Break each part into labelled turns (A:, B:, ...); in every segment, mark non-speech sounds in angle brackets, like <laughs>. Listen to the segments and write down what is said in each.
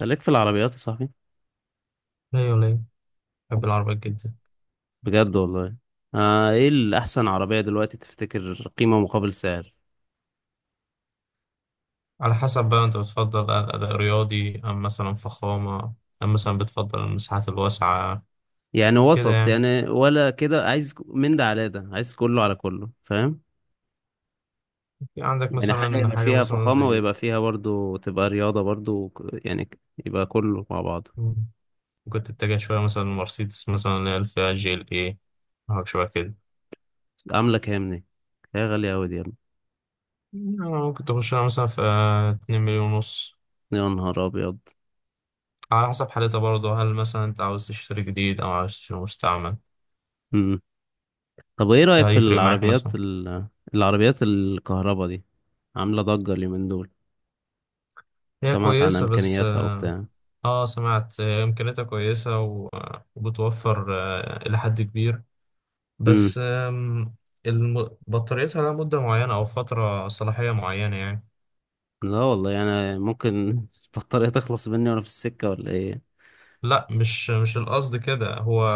A: خليك في العربيات يا صاحبي.
B: لا ولا، بحب العربيات جدا.
A: بجد والله. ايه الأحسن عربية دلوقتي تفتكر قيمة مقابل سعر؟
B: على حسب بقى، انت بتفضل اداء رياضي ام مثلا فخامه، ام مثلا بتفضل المساحات الواسعه؟
A: يعني
B: كده
A: وسط
B: يعني.
A: يعني، ولا كده عايز من ده على ده، عايز كله على كله، فاهم؟
B: في عندك
A: يعني حاجة
B: مثلا
A: يبقى
B: حاجه
A: فيها
B: مثلا
A: فخامة
B: زي؟
A: ويبقى فيها برضو تبقى رياضة برضو يبقى كله مع بعض.
B: مم. ممكن تتجه شويه مثلا مرسيدس، مثلا اللي هي الفئه GLE، حاجه شويه كده.
A: عاملة كام دي؟ هي غالية أوي دي يا ابني.
B: يعني ممكن تخش لها مثلا في 2 مليون ونص.
A: يا نهار أبيض.
B: على حسب حالتها برضه، هل مثلا انت عاوز تشتري جديد او عاوز تشتري مستعمل؟
A: مم. طب ايه رأيك
B: ده
A: في
B: هيفرق معاك مثلا.
A: العربيات الكهرباء دي؟ عاملة ضجة اليومين دول.
B: هي
A: سمعت عن
B: كويسه بس
A: إمكانياتها وبتاع.
B: اه سمعت امكانياتها كويسه وبتوفر الى حد كبير. بس بطاريتها لها مده معينه او فتره صلاحيه معينه يعني.
A: لا والله انا ممكن <laughs> البطارية تخلص مني وانا في السكة ولا ايه.
B: لا، مش القصد كده هو.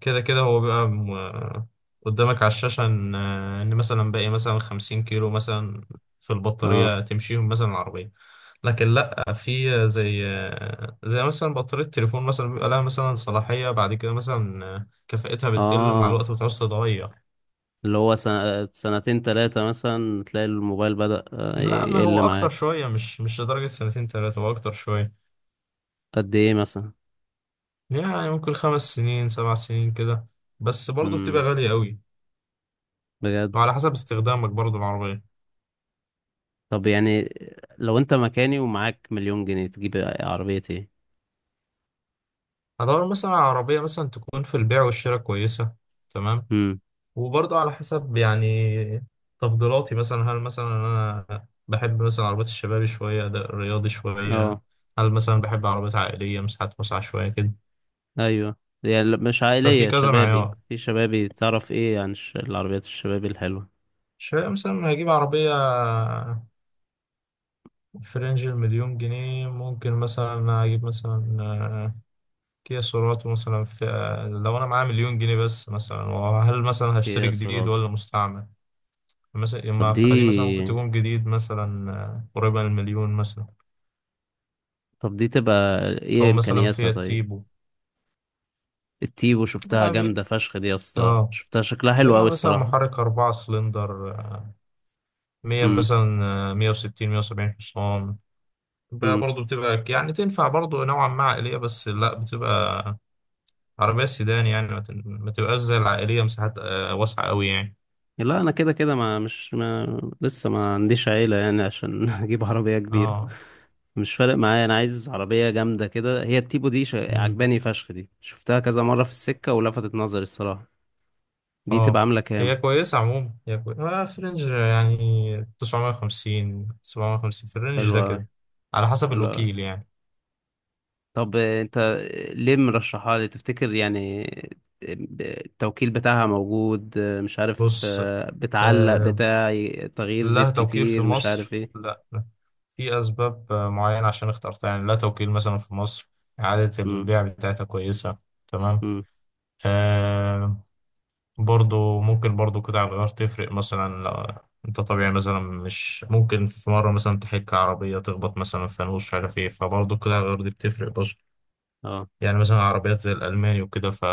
B: كده كده هو بيبقى قدامك على الشاشة إن مثلا باقي مثلا 50 كيلو مثلا في
A: اه.
B: البطارية، تمشيهم مثلا العربية. لكن لأ، في زي زي مثلا بطارية التليفون مثلا، بيبقى لها مثلا صلاحية بعد كده مثلا كفاءتها بتقل مع
A: اه،
B: الوقت وتعوز تتغير.
A: اللي هو سنة سنتين تلاتة مثلا تلاقي الموبايل بدأ
B: لا، ما هو
A: يقل
B: أكتر
A: معاك.
B: شوية، مش لدرجة سنتين تلاتة، هو أكتر شوية.
A: قد ايه مثلا؟
B: يعني ممكن 5 سنين 7 سنين كده. بس برضه بتبقى
A: امم
B: غالية أوي.
A: بجد.
B: وعلى حسب استخدامك برضو العربية.
A: طب يعني، لو انت مكاني ومعاك مليون جنيه تجيب عربية ايه؟
B: هدور مثلا على عربية مثلا تكون في البيع والشراء كويسة. تمام.
A: امم
B: وبرضو على حسب يعني تفضيلاتي، مثلا هل مثلا أنا بحب مثلا عربيات الشباب شوية ده رياضي شوية،
A: اه،
B: هل مثلا بحب عربيات عائلية مساحات واسعة شوية كده.
A: ايوه. يعني مش
B: ففي
A: عائلية،
B: كذا
A: شبابي
B: معيار.
A: في شبابي. تعرف ايه عن العربيات الشبابي الحلوة؟
B: شوية مثلا هجيب عربية في رينج المليون جنيه، ممكن مثلا أجيب مثلا كيا سيراتو مثلا في. لو انا معايا مليون جنيه بس مثلا، وهل مثلا
A: ايه
B: هشتري
A: يا
B: جديد
A: سرعة؟
B: ولا مستعمل مثلا،
A: طب
B: ما
A: دي،
B: فدي مثلا ممكن تكون جديد مثلا قريبة من المليون مثلا.
A: تبقى ايه
B: او مثلا
A: امكانياتها
B: فيات
A: طيب؟
B: تيبو.
A: التيبو شفتها
B: اه
A: جامدة فشخ دي يا اسطى،
B: آه.
A: شفتها شكلها حلو أوي
B: يعني مثلا
A: الصراحة.
B: محرك 4 سلندر 100
A: مم.
B: مثلا 160 170 حصان. بقى
A: مم.
B: برضه بتبقى يعني تنفع برضه نوعا ما عائلية، بس لا بتبقى عربية سيدان يعني. ما تبقاش زي العائلية مساحات واسعة أوي يعني.
A: لا أنا كده كده ما مش ما لسه ما عنديش عيلة يعني عشان <laughs> أجيب عربية كبيرة.
B: اه
A: مش فارق معايا، أنا عايز عربية جامدة كده. هي التيبو دي عجباني فشخ دي، شفتها كذا مرة في السكة ولفتت نظري الصراحة. دي تبقى
B: اه،
A: عاملة كام؟
B: هي كويسة عموما، هي كويسة في رينج يعني 950 750، في الرينج ده
A: حلوة أوي.
B: كده. على حسب
A: حلوة أوي.
B: الوكيل يعني.
A: طب، انت ليه مرشحها لي تفتكر يعني؟ آه، التوكيل بتاعها موجود؟ مش عارف،
B: بص
A: بتعلق
B: آه
A: بتاع تغيير
B: لها
A: زيت
B: توكيل في
A: كتير مش عارف
B: مصر.
A: ايه.
B: لا لا. في أسباب معينة عشان اخترتها يعني، لها توكيل مثلا في مصر. إعادة
A: امم.
B: البيع بتاعتها كويسة. تمام.
A: امم.
B: آه برضو ممكن برضو قطع الغيار تفرق مثلا، لو انت طبيعي مثلا مش ممكن في مرة مثلا تحك عربية تخبط مثلا في فانوس مش عارف ايه، فبرضو قطع الغيار دي بتفرق.
A: اه.
B: يعني مثلا عربيات زي الألماني وكده،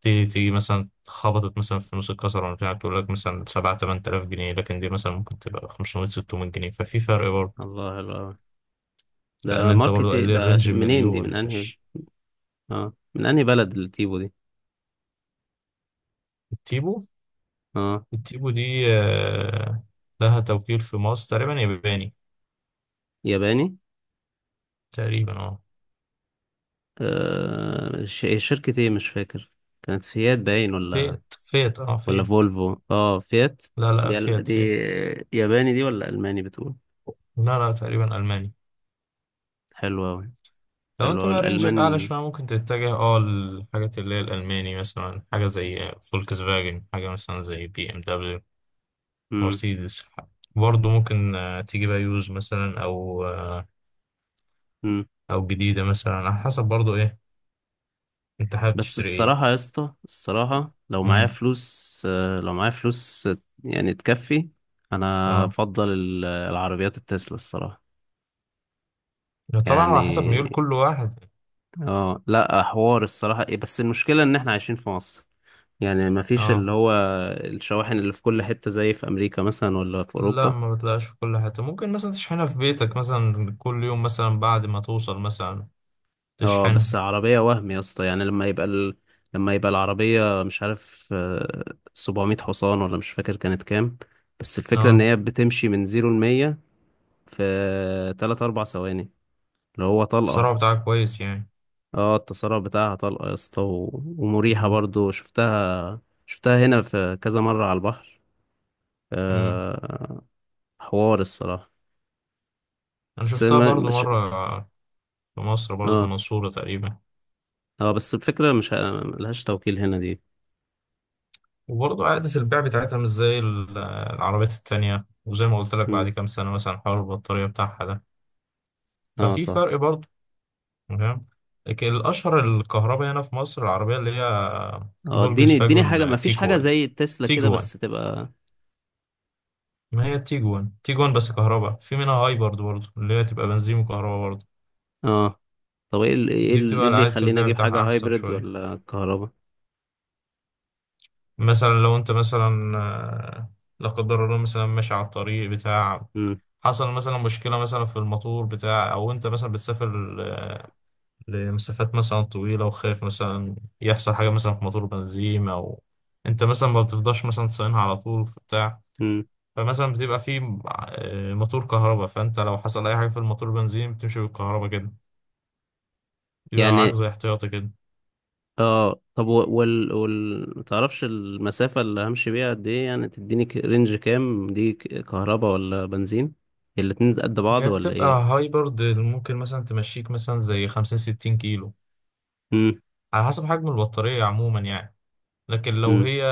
B: تيجي تيجي مثلا اتخبطت مثلا في نص الكسر ولا بتاع، تقول لك مثلا سبعة تمن تلاف جنيه، لكن دي مثلا ممكن تبقى خمسمية ستمية جنيه، ففي فرق برضه.
A: الله، حلو أوي.
B: لأن
A: ده
B: أنت برضه
A: ماركت إيه؟
B: قال لي
A: ده
B: الرينج
A: منين دي؟ من
B: مليون
A: انهي؟
B: مش.
A: اه، من انهي بلد التيبو دي؟
B: التيبو.
A: اه،
B: التيبو دي لها توكيل في مصر، تقريبا ياباني.
A: ياباني.
B: تقريبا اه.
A: شركة ايه مش فاكر. كانت فيات باين، ولا
B: فيت فيت اه
A: ولا
B: فيت.
A: فولفو؟ اه فيات.
B: لا لا
A: دي
B: فيت
A: دي
B: فيت.
A: ياباني دي ولا الماني بتقول؟
B: لا لا، تقريبا ألماني.
A: حلوة أوي.
B: لو
A: اللي
B: انت
A: هو
B: بقى رينجك اعلى
A: الألمان.
B: شويه، ممكن تتجه للحاجات اللي هي الالماني، مثلا حاجه زي فولكس فاجن، حاجه مثلا زي BMW
A: مم.
B: مرسيدس. برضه ممكن تيجي بقى يوز مثلا، او
A: مم.
B: او جديده مثلا، على حسب برضه ايه انت حابب
A: بس
B: تشتري ايه.
A: الصراحة يا اسطى الصراحة، لو معايا
B: امم.
A: فلوس آه، لو معايا فلوس آه، يعني تكفي، أنا
B: اه،
A: أفضل العربيات التسلا الصراحة.
B: طبعا على حسب
A: يعني
B: ميول كل واحد.
A: اه، لا، حوار الصراحة ايه، بس المشكلة إن احنا عايشين في مصر. يعني مفيش اللي
B: اه
A: هو الشواحن اللي في كل حتة زي في أمريكا مثلا ولا في
B: لا،
A: أوروبا.
B: ما بتلاقيش في كل حته، ممكن مثلا تشحنها في بيتك مثلا كل يوم مثلا بعد ما توصل مثلا
A: اه، بس
B: تشحنها.
A: عربية وهم يا اسطى. يعني لما يبقى العربية مش عارف، 700 حصان ولا مش فاكر كانت كام. بس الفكرة ان
B: اه
A: هي بتمشي من زيرو لمية في تلات أربع ثواني، اللي هو طلقة.
B: السرعه بتاعك كويس يعني.
A: اه، التسارع بتاعها طلقة يا اسطى، ومريحة برضو. شفتها هنا في كذا مرة على البحر.
B: امم.
A: آه... حوار الصراحة.
B: انا
A: بس
B: شفتها
A: الم-
B: برضو
A: مش...
B: مرة في مصر برضو، في
A: اه.
B: المنصورة تقريبا.
A: اه، بس الفكرة مش ه- ملهاش توكيل هنا دي.
B: وبرضو عادة البيع بتاعتها مش زي العربيات التانية، وزي ما قلت لك بعد
A: مم.
B: كام سنة مثلا حوار البطارية بتاعها ده.
A: اه
B: ففي
A: صح.
B: فرق برضو. تمام. لكن الأشهر الكهرباء هنا في مصر العربية اللي هي
A: اه،
B: فولكس
A: اديني اديني حاجة، ما
B: فاجون
A: فيش حاجة
B: تيجوان.
A: زي تسلا كده
B: تيجوان.
A: بس تبقى.
B: ما هي تيجوان تيجوان بس كهرباء، في منها هايبرد برضو اللي هي تبقى بنزين وكهرباء برضو.
A: اه. طب ايه
B: دي بتبقى
A: إيه اللي
B: عادة
A: يخليني
B: البيع
A: اجيب حاجة
B: بتاعها أحسن
A: هايبرد
B: شوية.
A: ولا كهرباء؟
B: مثلا لو أنت مثلا لا قدر الله مثلا ماشي على الطريق بتاع،
A: امم.
B: حصل مثلا مشكلة مثلا في الموتور بتاع، أو أنت مثلا بتسافر لمسافات مثلا طويلة، وخايف مثلا يحصل حاجة مثلا في موتور بنزين، أو أنت مثلا ما بتفضاش مثلا تصينها على طول في بتاع،
A: امم.
B: فمثلا بتبقى في موتور كهرباء، فأنت لو حصل أي حاجة في الموتور بنزين بتمشي بالكهرباء كده، بيبقى معاك
A: يعني
B: زي احتياطي كده.
A: اه. طب، وال ما تعرفش المسافة اللي همشي بيها قد ايه، يعني تديني رينج كام؟ دي كهرباء ولا بنزين؟ الاتنين قد بعض
B: هي
A: ولا
B: بتبقى
A: ايه؟
B: هايبرد، ممكن مثلا تمشيك مثلا زي 50-60 كيلو،
A: امم.
B: على حسب حجم البطارية عموما يعني. لكن لو
A: امم.
B: هي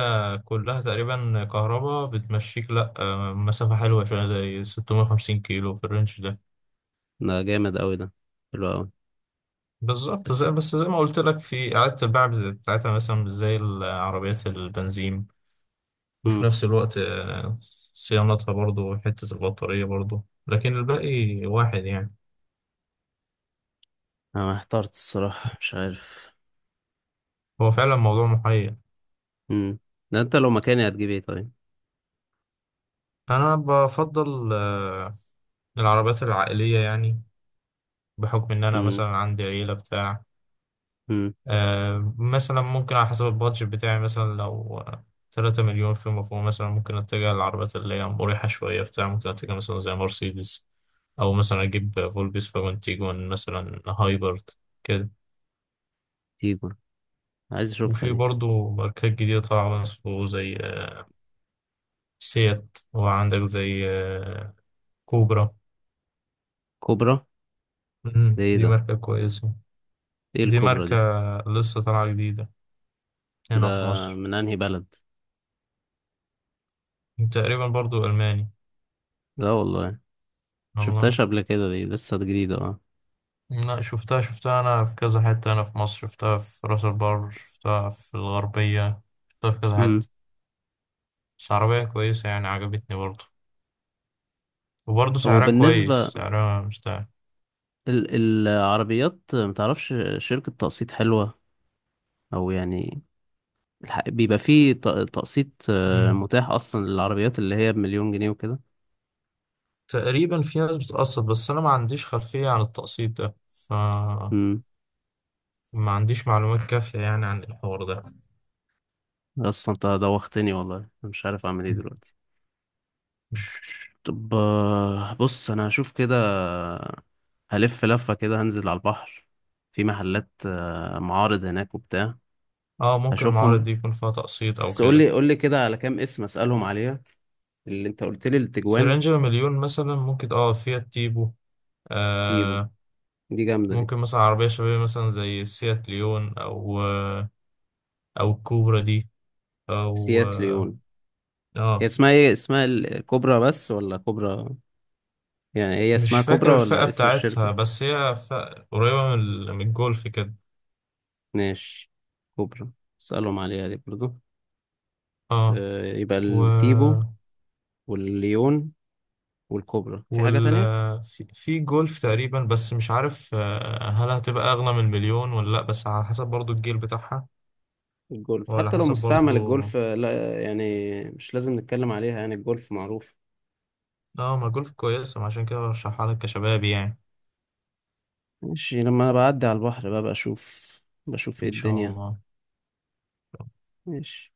B: كلها تقريبا كهرباء، بتمشيك لأ مسافة حلوة شوية زي 650 كيلو في الرينج ده.
A: ده جامد قوي ده، حلو قوي.
B: بالظبط
A: بس.
B: زي بس، زي ما قلت لك، في إعادة البيع بتاعتها مثلا مش زي العربيات البنزين وفي
A: امم
B: نفس الوقت صيانتها برضو وحتة البطارية برضو، لكن الباقي واحد يعني.
A: انا احترت الصراحة مش عارف.
B: هو فعلا موضوع محير.
A: امم ده انت لو مكاني هتجيب ايه طيب؟
B: أنا بفضل العربيات العائلية يعني، بحكم إن أنا
A: امم.
B: مثلا عندي عيلة بتاع.
A: امم.
B: مثلا ممكن على حسب البادجت بتاعي مثلا، لو 3 مليون في مفهوم مثلا، ممكن اتجه للعربيات اللي هي مريحة شوية بتاع، ممكن اتجه مثلا زي مرسيدس، أو مثلا أجيب فولبيس فاجون تيجون مثلا هايبرد كده.
A: تيجو، عايز اشوفها
B: وفي
A: دي.
B: برضو ماركات جديدة طالعة برضه، زي سيات، وعندك زي كوبرا.
A: كوبرا. ده ايه
B: دي
A: ده
B: ماركة كويسة.
A: ايه
B: دي
A: الكوبرا
B: ماركة
A: دي؟
B: لسه طالعة جديدة
A: ده
B: هنا في مصر،
A: من انهي بلد؟
B: تقريبا برضو ألماني.
A: لا والله
B: والله.
A: شفتهاش قبل كده، دي لسه جديدة اه.
B: لا شفتها، شفتها أنا في كذا حتة، أنا في مصر شفتها في راس البر، شفتها في الغربية، شفتها في كذا
A: امم.
B: حتة. بس عربية كويسة يعني، عجبتني برضه. وبرضه
A: طب
B: سعرها كويس،
A: وبالنسبة
B: سعرها مش ده.
A: ال العربيات، متعرفش شركة تقسيط حلوة؟ او يعني بيبقى فيه تقسيط
B: مم.
A: متاح اصلا للعربيات اللي هي بمليون جنيه وكده؟
B: تقريبا في ناس بتقسط، بس أنا ما عنديش خلفية عن التقسيط ده، فما
A: امم
B: عنديش معلومات كافية يعني عن الحوار ده.
A: اصلا انت دوختني والله، أنا مش عارف اعمل ايه
B: <laughs>
A: دلوقتي.
B: مم.
A: طب بص، انا هشوف كده، هلف لفة كده هنزل على البحر، في محلات، معارض هناك وبتاع.
B: اه ممكن المعارض
A: هشوفهم.
B: دي يكون فيها تقسيط أو
A: بس
B: كده.
A: قولي قولي كده على كام اسم اسألهم عليها. اللي انت قلت لي
B: في
A: التجوان،
B: رينج المليون مثلا ممكن فيها تيبو
A: تيبو
B: آه،
A: دي جامدة دي،
B: ممكن مثلا عربية شبابية مثلا زي السيات ليون، أو أو الكوبرا دي، أو
A: سيات ليون. هي
B: آه،
A: اسمها ايه؟ كوبرا بس ولا كوبرا؟ يعني هي
B: مش
A: اسمها
B: فاكر
A: كوبرا
B: الفئة
A: ولا اسم
B: بتاعتها،
A: الشركة؟
B: بس هي فئة قريبة من من الجولف كده.
A: ماشي. كوبرا، اسألهم عليها دي برضو.
B: اه،
A: يبقى
B: و
A: التيبو والليون والكوبرا. في حاجة
B: وال
A: تانية؟
B: في في جولف تقريبا، بس مش عارف هل هتبقى أغلى من المليون ولا لأ، بس على حسب برضو الجيل بتاعها،
A: الجولف
B: وعلى
A: حتى لو
B: حسب
A: مستعمل،
B: برضو.
A: الجولف لا يعني مش لازم نتكلم عليها يعني الجولف معروف.
B: اه، ما جولف كويسة ما عشان كده برشحها لك كشباب يعني.
A: ماشي، لما انا بعدي على البحر بقى بشوف ايه
B: إن شاء
A: الدنيا.
B: الله.
A: ماشي.